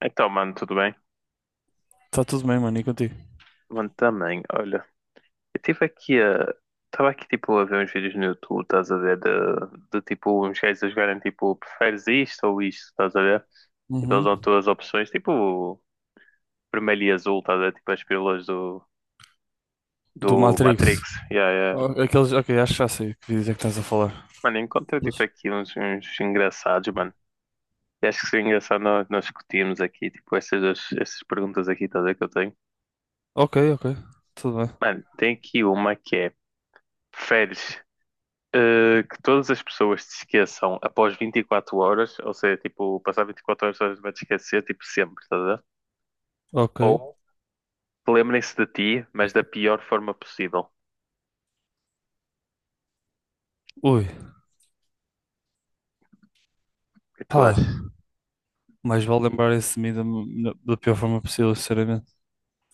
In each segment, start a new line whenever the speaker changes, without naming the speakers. Então, mano, tudo bem?
Tá tudo bem, mano, e contigo?
Mano, também, olha, eu tive aqui a. Estava aqui tipo a ver uns vídeos no YouTube, estás a ver? De tipo uns gajos a jogarem tipo, preferes isto ou isto, estás a ver? Tipo, eles dão
Uhum.
todas as opções, tipo vermelho e azul, estás a ver? Tipo as pílulas do,
Do
do
Matrix.
Matrix. Yeah, yeah.
Oh, aqueles, ok, acho que já sei que vídeos é que estás a falar.
Mano, encontrei tipo
Aqueles-
aqui uns, uns engraçados, mano. E acho que seria engraçado nós discutirmos aqui, tipo, essas, essas perguntas aqui, estás a ver que eu tenho.
Ok, ok, tudo bem.
Mano, tem aqui uma que é. Preferes que todas as pessoas se esqueçam após 24 horas, ou seja, tipo, passar 24 horas todas vai te esquecer, tipo, sempre, estás a ver? Ou
Ok.
que lembrem-se de ti, mas da pior forma possível. O
Ui,
que tu
pá,
achas?
mais vale lembrar esse de mim da pior forma possível, sinceramente.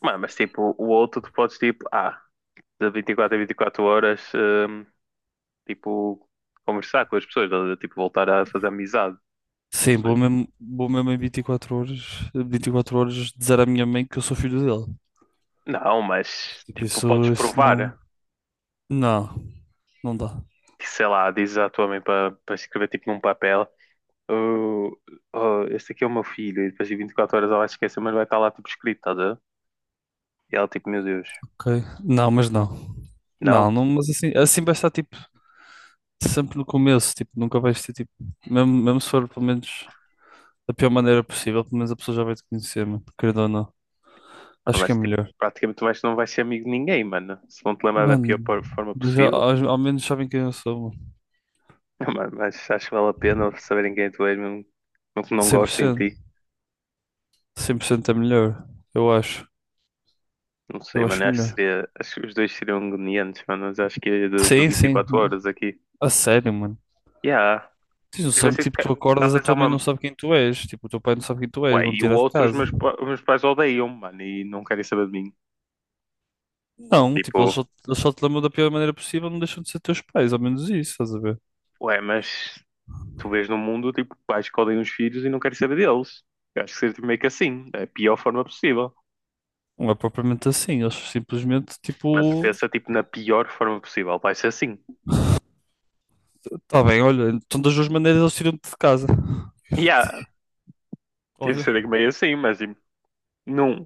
Mano, mas tipo, o outro tu podes, tipo, ah, de 24 a 24 horas, tipo, conversar com as pessoas, estás a ver? Tipo, voltar a fazer amizade, não
Sim,
sei.
vou mesmo em 24 horas, 24 horas dizer à minha mãe que eu sou filho dele.
Não, mas,
Tipo,
tipo, podes
isso
provar.
não. Não, não dá.
Sei lá, dizes à tua mãe para escrever, tipo, num papel. Oh, oh, este aqui é o meu filho, e depois de 24 horas ela vai esquecer, mas vai estar lá tipo escrito, estás a ver? E ela tipo, meu Deus,
Ok? Não, mas não.
não,
Não, não, mas assim vai estar tipo sempre no começo, tipo, nunca vais ter tipo, mesmo, mesmo se for pelo menos da pior maneira possível, pelo menos a pessoa já vai te conhecer, mano, querendo ou não.
não
Acho que é
vais, tipo,
melhor.
praticamente vais, não vais ser amigo de ninguém, mano. Se vão te lembrar da pior
Mano,
por- forma
mas já,
possível.
ao menos sabem quem eu sou, mano.
Não, mano, mas acho que vale a pena saberem quem tu és, mesmo mesmo que não
cem por
gostem
cento
de ti.
100% é melhor, eu acho.
Não sei,
Eu
mano,
acho
acho que
melhor.
seria, acho que os dois seriam agoniantes, mano, mas acho que é do, do
Sim,
vinte e
sim.
quatro horas aqui.
A sério, mano.
Yeah,
Tens
tive
noção que
sido,
tipo,
ca-
tu acordas, a
talvez há
tua mãe não
uma.
sabe quem tu és, tipo, o teu pai não sabe quem tu
Ué,
és, vão te
e o
tirar de
outro, os meus,
casa.
pa- os meus pais odeiam, mano, e não querem saber de mim.
Não, tipo, eles
Tipo,
só, eles só te lembram da pior maneira possível, não deixam de ser teus pais, ao menos isso, estás a ver?
ué, mas tu vês no mundo, tipo, pais que odeiam os filhos e não querem saber deles. Eu acho que seria tipo, meio que assim, da pior forma possível.
Não é propriamente assim, eles simplesmente,
Mano, tu
tipo,
pensa, tipo, na pior forma possível, vai ser assim.
tá bem, olha, então das duas maneiras eles tiram-te de casa.
E há, tem de
Olha,
ser meio assim, mas, tipo, num,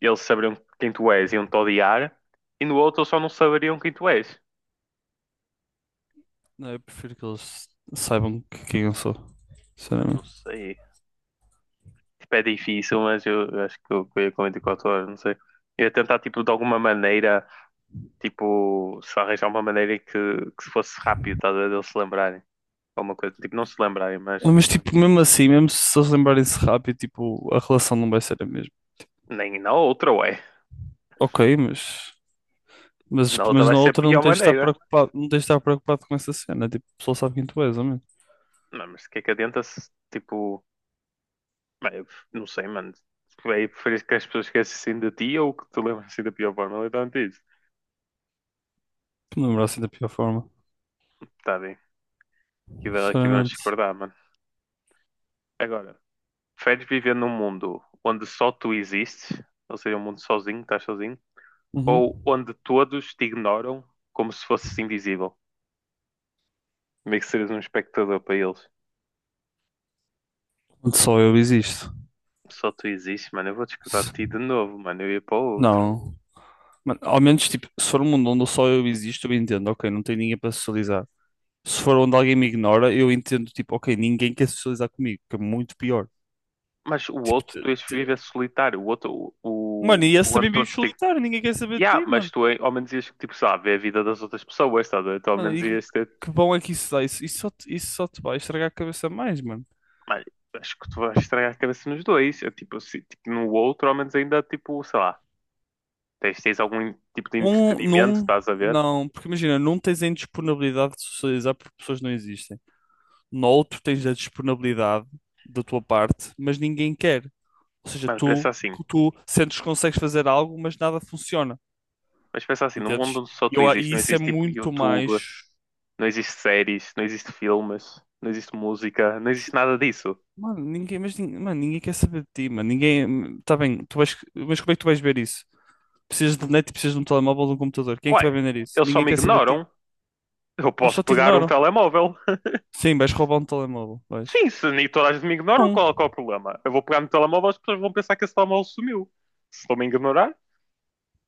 eles saberiam quem tu és e iam-te odiar, e no outro eles só não saberiam quem tu és.
não, eu prefiro que eles quem eu sou,
Mano, não
sinceramente.
sei. Tipo, é difícil, mas eu acho que eu ia com 24 horas, não sei. Eu ia tentar, tipo, de alguma maneira, tipo, se arranjar uma maneira que se fosse rápido, tá, a ver, de eles se lembrarem. Alguma coisa, tipo, não se lembrarem, mas
Mas, tipo, mesmo assim, mesmo se eles lembrarem-se rápido, tipo, a relação não vai ser a mesma.
nem na outra, ué.
Ok, mas. Mas,
Na
tipo,
outra
mas
vai
na
ser a
outra não
pior
tens de estar
maneira.
preocupado, não tens de estar preocupado com essa cena. Tipo, o pessoal sabe quem tu és, homem.
Não, mas o que é que adianta se, tipo, bem, não sei, mano. É preferir que as pessoas esquecem assim de ti ou que te lembram assim da pior forma, literalmente isso.
Que me lembro assim da pior forma.
Tá bem, aqui, vai- aqui vamos
Sinceramente.
discordar, mano. Agora, preferes viver num mundo onde só tu existes, ou seja, um mundo sozinho, estás sozinho,
Uhum.
ou onde todos te ignoram como se fosses invisível? Meio que serias um espectador para eles.
Onde só eu existo.
Só tu existes, mano. Eu vou discordar de
S-
ti de novo, mano. Eu ia para o outro.
Não. Mano, ao menos, tipo, se for um mundo onde só eu existo, eu entendo, ok, não tem ninguém para socializar. Se for onde alguém me ignora, eu entendo, tipo, ok, ninguém quer socializar comigo, que é muito pior.
Mas o
Tipo,
outro, tu ias viver solitário. O outro, o,
mano,
o,
e esse
o ano
também vive
todos, tipo.
solitário, ninguém quer saber de ti,
Yeah, mas
mano.
tu ao menos ias, tipo, sei lá, ver a vida das outras pessoas, estás a ver? Tu ao
Mano,
menos
e
ias ter.
que bom é que isso dá. Isso só te vai estragar a cabeça mais, mano.
Mas acho que tu vais estragar a cabeça nos dois. Eu, tipo, se- tipo, no outro, ao menos ainda, tipo, sei lá, tens, tens algum tipo de
Um,
entretenimento,
num,
estás a ver?
não. Porque imagina, num tens a indisponibilidade de socializar porque pessoas não existem. No outro tens a disponibilidade da tua parte, mas ninguém quer. Ou seja,
Mano, pensa
tu,
assim.
tu sentes que consegues fazer algo, mas nada funciona.
Mas pensa assim, no mundo
Entendes?
onde só
E,
tu
eu, a-
existes,
e
não
isso é
existe, tipo,
muito
YouTube,
mais.
não existe séries, não existe filmes, não existe música, não
que-
existe nada disso.
Mano, mano, ninguém quer saber de ti, mano. Ninguém. Tá bem, tu vais, mas como é que tu vais ver isso? Precisas de net e precisas de um telemóvel ou de um computador. Quem é que te vai
Ué,
vender isso?
eles só
Ninguém
me
quer saber de ti.
ignoram. Eu
Eles
posso
só te
pegar um
ignoram.
telemóvel.
Sim, vais roubar um telemóvel. Vais.
Sim, se nem toda a gente me ignora,
Não.
qual, qual é o problema? Eu vou pegar no telemóvel, as pessoas vão pensar que esse telemóvel sumiu. Se estão-me a ignorar,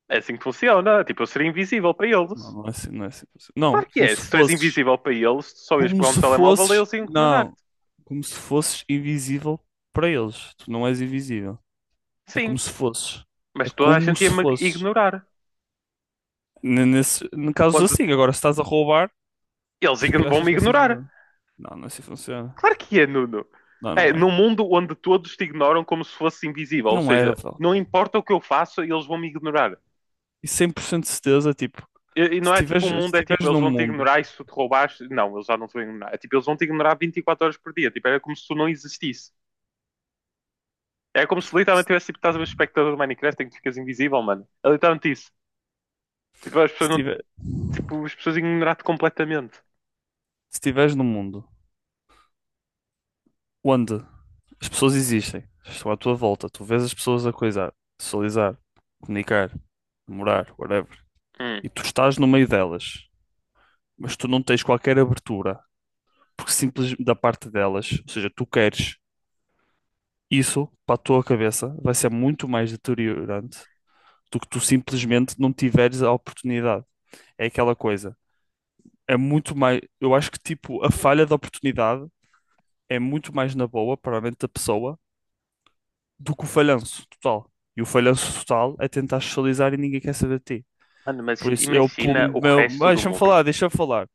é assim que funciona. Tipo, eu seria invisível para
Não,
eles.
não é assim, não é assim. Não,
Claro que
como
é.
se
Se tu és
fosses.
invisível para eles, tu só ias
Como
pegar um
se
telemóvel e
fosses.
eles iam ignorar-te.
Não. Como se fosses invisível para eles. Tu não és invisível. É como
Sim.
se fosses. É
Mas toda a
como
gente
se
ia-me
fosses.
ignorar.
Nesse, em casos
Quando
assim. Agora, se estás a roubar,
eles
acho
ign-
que achas
vão-me
que é assim que
ignorar.
funciona? Não, não é assim que funciona.
Claro que é, Nuno.
Não, não
É,
é.
num mundo onde todos te ignoram como se fosse invisível. Ou
Não é,
seja,
Rafael.
não importa o que eu faço, eles vão me ignorar.
E 100% de certeza, tipo,
E,
se
não é
tiveres,
tipo o
se
mundo, é tipo,
tiveres
eles
num
vão te
mundo,
ignorar e se tu te roubares. Não, eles já não te vão ignorar. É tipo, eles vão te ignorar 24 horas por dia. Tipo, era como se tu não existisse. É como se literalmente
se
tivesse tipo, estás a ver espectador do Minecraft em que ficas invisível, mano. É literalmente isso. Tipo, as pessoas
se
não.
tiver,
Tipo, as pessoas ignorar-te completamente.
se tiveres num mundo onde as pessoas existem, estão à tua volta, tu vês as pessoas a coisar, socializar, comunicar, namorar, whatever,
Hum.
e tu estás no meio delas, mas tu não tens qualquer abertura, porque simples da parte delas, ou seja, tu queres isso para a tua cabeça, vai ser muito mais deteriorante do que tu simplesmente não tiveres a oportunidade. É aquela coisa. É muito mais. Eu acho que tipo a falha de oportunidade é muito mais na boa, para a mente da pessoa, do que o falhanço total. E o falhanço total é tentar socializar e ninguém quer saber de ti.
Mano, mas
Por isso, eu, pelo
imagina o
meu. Ah,
resto do
deixa-me
mundo.
falar, deixa-me falar.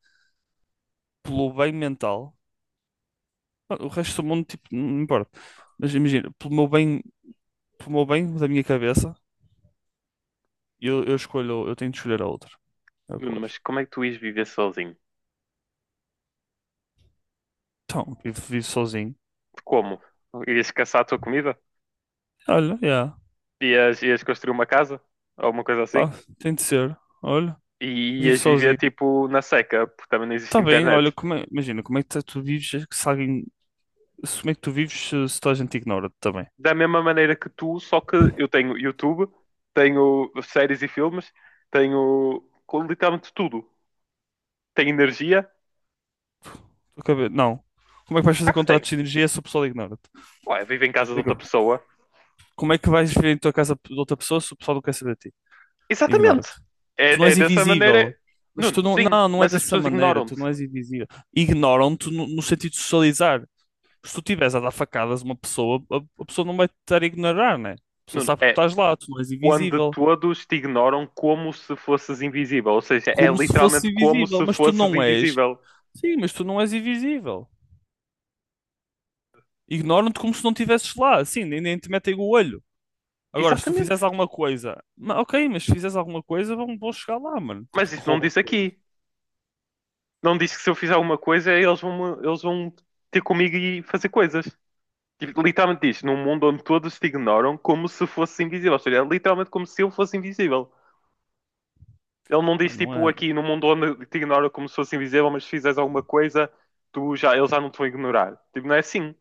Pelo bem mental, ah, o resto do mundo, tipo, não importa. Mas imagina, pelo meu bem da minha cabeça, eu escolho, eu tenho de escolher a outra. É o que eu
Nuno,
acho.
mas como é que tu ias viver sozinho?
Então, vivo sozinho.
Como? Ias caçar a tua comida?
Olha, yeah.
Ias, ias construir uma casa? Ou uma coisa assim?
Ah, tem de ser. Olha,
E
vivo
ias viver
sozinho.
tipo na seca, porque também não existe
Tá bem,
internet.
olha, imagina, como é que tá- tu vives se alguém. Como é que tu vives se toda a gente ignora-te também?
Da mesma maneira que tu, só que eu tenho YouTube, tenho séries e filmes, tenho com literalmente tudo. Tenho energia?
Não. Como é que vais fazer
Claro que tenho.
contratos de energia se o pessoal ignora-te?
Ué, vivo em casa de outra
Explica.
pessoa.
Como é que vais viver em tua casa de outra pessoa se o pessoal não quer saber de ti?
Exatamente.
Ignora-te. Tu não
É, é
és
dessa maneira.
invisível. Mas tu
Nuno,
não.
sim,
Não, não é
mas as
dessa
pessoas
maneira.
ignoram-te.
Tu não és invisível. Ignoram-te no sentido de socializar. Se tu estiveres a dar facadas a uma pessoa, a pessoa não vai te estar a ignorar, né? A pessoa
Nuno,
sabe que tu
é
estás lá, tu não és
onde
invisível.
todos te ignoram como se fosses invisível. Ou seja, é
Como se fosse
literalmente como
invisível,
se
mas tu
fosses
não és.
invisível.
Sim, mas tu não és invisível. Ignoram-te como se não estivesses lá, assim, nem te metem o olho. Agora, se tu
Exatamente.
fizeres alguma coisa, ok, mas se fizeres alguma coisa, vão chegar lá, mano. Tipo,
Mas
que
isso não
rouba
diz
coisas.
aqui. Não diz que se eu fizer alguma coisa, eles vão ter comigo e fazer coisas. Tipo, literalmente diz, num mundo onde todos te ignoram como se fosse invisível. Ou seja, é literalmente como se eu fosse invisível. Ele não diz,
Mano, não
tipo,
é.
aqui num mundo onde te ignoram como se fosse invisível, mas se fizeres alguma coisa, tu já, eles já não te vão ignorar. Tipo, não é assim.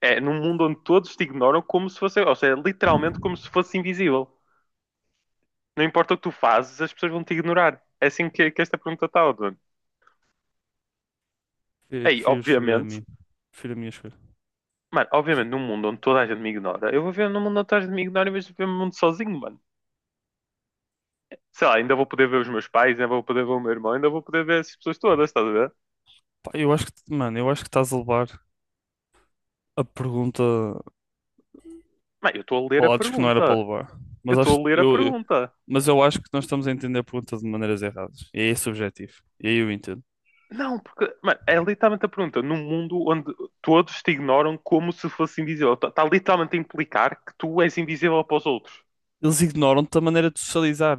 É num mundo onde todos te ignoram como se fosse. Ou seja, é literalmente como se fosse invisível. Não importa o que tu fazes, as pessoas vão te ignorar. É assim que esta pergunta está, Odon.
Eu
Aí,
prefiro escolher a
obviamente.
mim. Prefiro a minha escolha.
Mano, obviamente, num mundo onde toda a gente me ignora, eu vou ver num mundo onde toda a gente me ignora, mas vou ver um mundo sozinho, mano. Sei lá, ainda vou poder ver os meus pais, ainda vou poder ver o meu irmão, ainda vou poder ver essas pessoas todas, estás a ver?
Pá, eu acho que, mano, eu acho que estás a levar a pergunta
Mas eu estou a ler
a
a
lados que não era para
pergunta.
levar.
Eu
Mas acho
estou
que
a ler a pergunta.
mas eu acho que nós estamos a entender a pergunta de maneiras erradas. E é esse o objetivo. E aí eu entendo.
Não, porque mano, é literalmente a pergunta. Num mundo onde todos te ignoram como se fosse invisível. Está tá literalmente a implicar que tu és invisível para os outros.
Eles ignoram-te a maneira de socializar.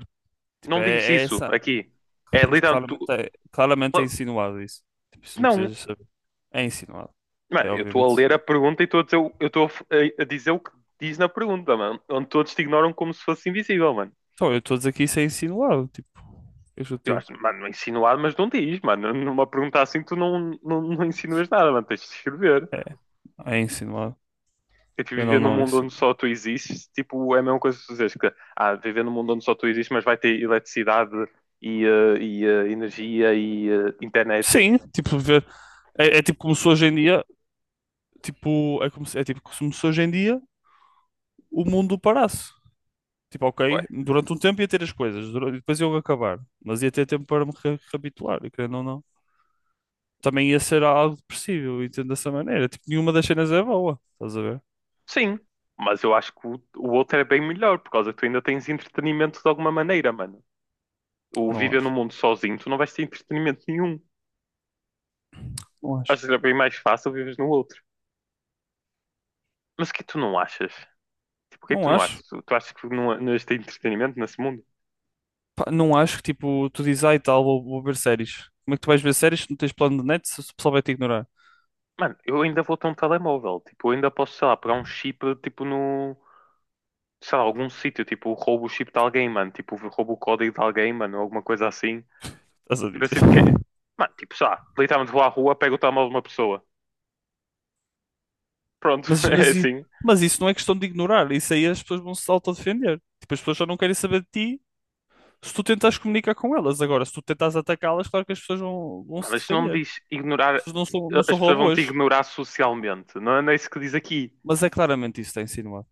Tipo,
Não diz
é
isso
essa.
aqui. É
Mas
literalmente
claramente
tu.
é, claramente é insinuado isso. Tipo, isso não
Não,
precisas saber. É insinuado.
mano,
É
eu estou
obviamente
a ler a
insinuado.
pergunta e estou a dizer, o- eu estou a, f- a dizer o que diz na pergunta, mano. Onde todos te ignoram como se fosse invisível, mano.
Então, eu estou a dizer que isso é insinuado. Tipo, eu
Eu
chutei.
acho, mano, insinuado, mas não diz, mano. Numa pergunta assim, tu não, não, não insinuas nada, mano. Tens de escrever.
É. É insinuado.
Eu tipo,
Querendo ou
viver num
não, é
mundo onde
insinuado.
só tu existes, tipo, é a mesma coisa que tu dizes que, ah, viver num mundo onde só tu existes, mas vai ter eletricidade e, e, energia e internet.
Sim, tipo, ver. É tipo como se hoje em dia. Tipo, é, como se, é tipo como se hoje em dia o mundo parasse. Tipo,
Ué,
ok, durante um tempo ia ter as coisas, depois eu ia acabar, mas ia ter tempo para me reabituar, e querendo ou não. Também ia ser algo depressivo, entendo dessa maneira. Tipo, nenhuma das cenas é boa, estás a ver?
sim, mas eu acho que o outro é bem melhor, por causa que tu ainda tens entretenimento de alguma maneira, mano. O
Não
viver num
acho.
mundo sozinho, tu não vais ter entretenimento nenhum.
Não acho.
Acho que era bem mais fácil viver no outro. Mas o que tu não achas? Tipo, o que é que tu
Não
não
acho.
achas? Tu, tu achas que não, não existe entretenimento nesse mundo?
Pá, não acho que, tipo, tu dizes, ai tal, vou ver séries. Como é que tu vais ver séries se não tens plano de net se o pessoal vai te ignorar?
Mano, eu ainda vou ter um telemóvel. Tipo, eu ainda posso, sei lá, pegar um chip, tipo, no. Sei lá, algum sítio. Tipo, roubo o chip de alguém, mano. Tipo, roubo o código de alguém, mano. Alguma coisa assim.
Estás a
Tipo, eu
dizer?
sinto que é. Mano, tipo, sei lá, literalmente vou à rua, pego o telemóvel de uma pessoa. Pronto,
Mas,
é
mas, i-
assim.
mas isso não é questão de ignorar, isso aí as pessoas vão se autodefender. Tipo, as pessoas só não querem saber de ti. Se tu tentas comunicar com elas, agora, se tu tentas atacá-las, claro que as pessoas vão
Mano,
se
mas não me
defender.
diz ignorar.
As pessoas não são
As pessoas vão te
robôs.
ignorar socialmente. Não é não é isso que diz aqui.
Mas é claramente isso que está insinuado.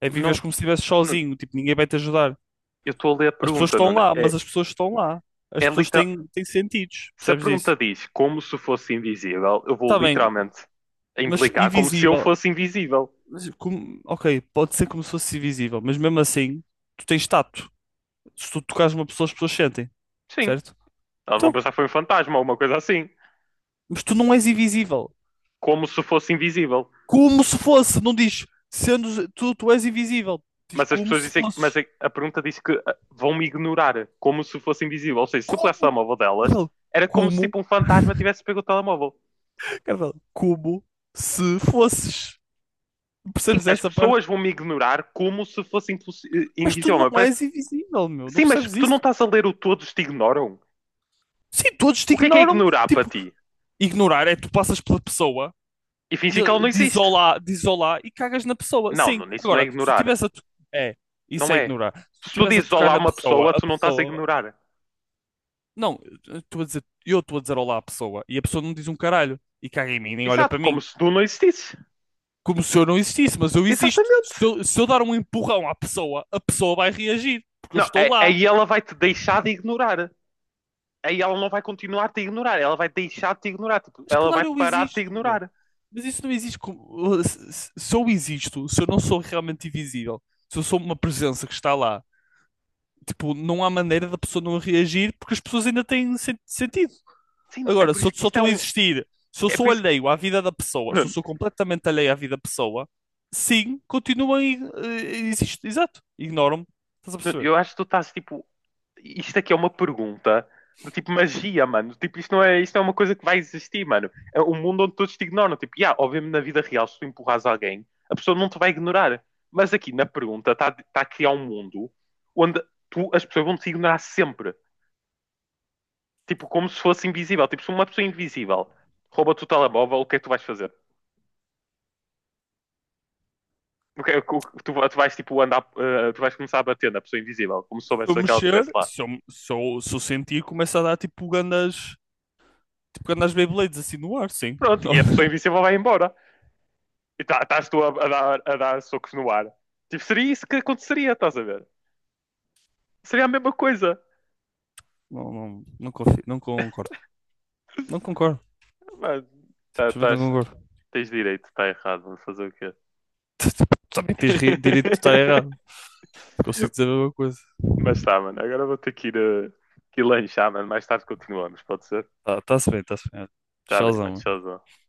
É viveres
Não,
como se estivesse
não,
sozinho, tipo, ninguém vai te ajudar.
eu estou a ler a
As pessoas
pergunta,
estão
Nuno.
lá, mas
É,
as pessoas estão lá. As
é
pessoas
literal-.
têm sentidos,
Se a
percebes isso?
pergunta diz como se fosse invisível, eu vou
Está bem,
literalmente
mas
implicar como se eu
invisível.
fosse invisível.
Mas ok, pode ser como se fosse invisível, mas mesmo assim, tu tens tato. Se tu tocares uma pessoa, as pessoas sentem,
Sim,
certo?
elas vão
Então,
pensar que foi um fantasma ou uma coisa assim.
mas tu não és invisível.
Como se fosse invisível.
Como se fosse, não diz sendo tu, tu és invisível. Diz
Mas as
como
pessoas
se
dizem, mas
fosses.
a pergunta diz que ah, vão me ignorar como se fosse invisível. Ou seja, se eu pegasse o
Como?
telemóvel
Cara,
delas,
fala,
era como se
como?
tipo um fantasma tivesse pego o telemóvel.
Cara, fala, como se fosses.
Sim,
Percebes
as
essa parte?
pessoas vão me ignorar como se fosse impossi-
Mas tu
invisível. Mas
não
parece-.
és invisível, meu. Não
Sim, mas
percebes
tu não
isso?
estás a ler o todos te ignoram.
Sim, todos te
O que é
ignoram.
ignorar para
Tipo,
ti?
ignorar é tu passas pela pessoa
E
e
fingir que ela não existe.
diz olá e cagas na pessoa.
Não,
Sim,
Nuno, isso não é
agora, se tu
ignorar.
tivesse a. É, isso
Não
é
é.
ignorar. Se tu
Se tu
tivesse a
dizes
tocar
olá a
na
uma
pessoa,
pessoa,
a
tu não estás a
pessoa.
ignorar.
Não, eu estou a dizer olá à pessoa e a pessoa não diz um caralho e caga em mim, nem olha
Exato,
para
como
mim.
se tu não existisse.
Como se eu não existisse, mas eu existo. Se
Exatamente.
eu, se eu dar um empurrão à pessoa, a pessoa vai reagir, porque eu
Não,
estou
é-
lá.
aí ela vai te deixar de ignorar. Aí ela não vai continuar a te ignorar. Ela vai deixar de te ignorar. Tipo,
Mas
ela vai
claro, eu
parar de te
existo, meu.
ignorar.
Mas isso não existe como. Eu existo, se eu não sou realmente invisível, se eu sou uma presença que está lá, tipo, não há maneira da pessoa não reagir porque as pessoas ainda têm sentido.
Sim, é
Agora,
por
se eu
isso que
só
isto é
estou a
um.
existir, se eu
É por
sou
isso que.
alheio à vida da pessoa, se eu sou completamente alheio à vida da pessoa, sim, continuo a existir. Exato, ignoro-me. Estás a
Nuno,
perceber?
eu acho que tu estás tipo. Isto aqui é uma pergunta do tipo magia, mano. Tipo, isto não é uma coisa que vai existir, mano. É um mundo onde todos te ignoram. Tipo, yeah, obviamente na vida real, se tu empurras alguém, a pessoa não te vai ignorar. Mas aqui na pergunta está tá a criar um mundo onde tu, as pessoas vão te ignorar sempre. Tipo, como se fosse invisível. Tipo, se uma pessoa invisível rouba-te o telemóvel, o que é que tu vais fazer? O que é que- o que-. Tu, tu vais tipo andar, tu vais começar a bater na pessoa invisível, como se
Se eu
soubesse que ela estivesse
mexer,
lá.
se eu sentir, começa a dar tipo grandes Beyblades assim no ar, sim.
Pronto, e a pessoa invisível vai embora. E tá- estás tu a dar socos no ar. Tipo, seria isso que aconteceria, estás a ver? Seria a mesma coisa.
Não, não, não confio, não concordo. Não concordo,
Mas tá-
simplesmente não
tás-
concordo.
tens direito, está errado, vamos fazer o quê?
Tu tu- tu Também tens direito de estar errado. Consigo dizer a mesma coisa.
Mas tá, mano, agora vou ter que ir, que ir lanchar, mano. Mais tarde continuamos, pode ser?
Tá, tá-se bem, tá-se bem. Olha,
Tá bem,
Tchauzão.
mano,
Mano.
tchauzão.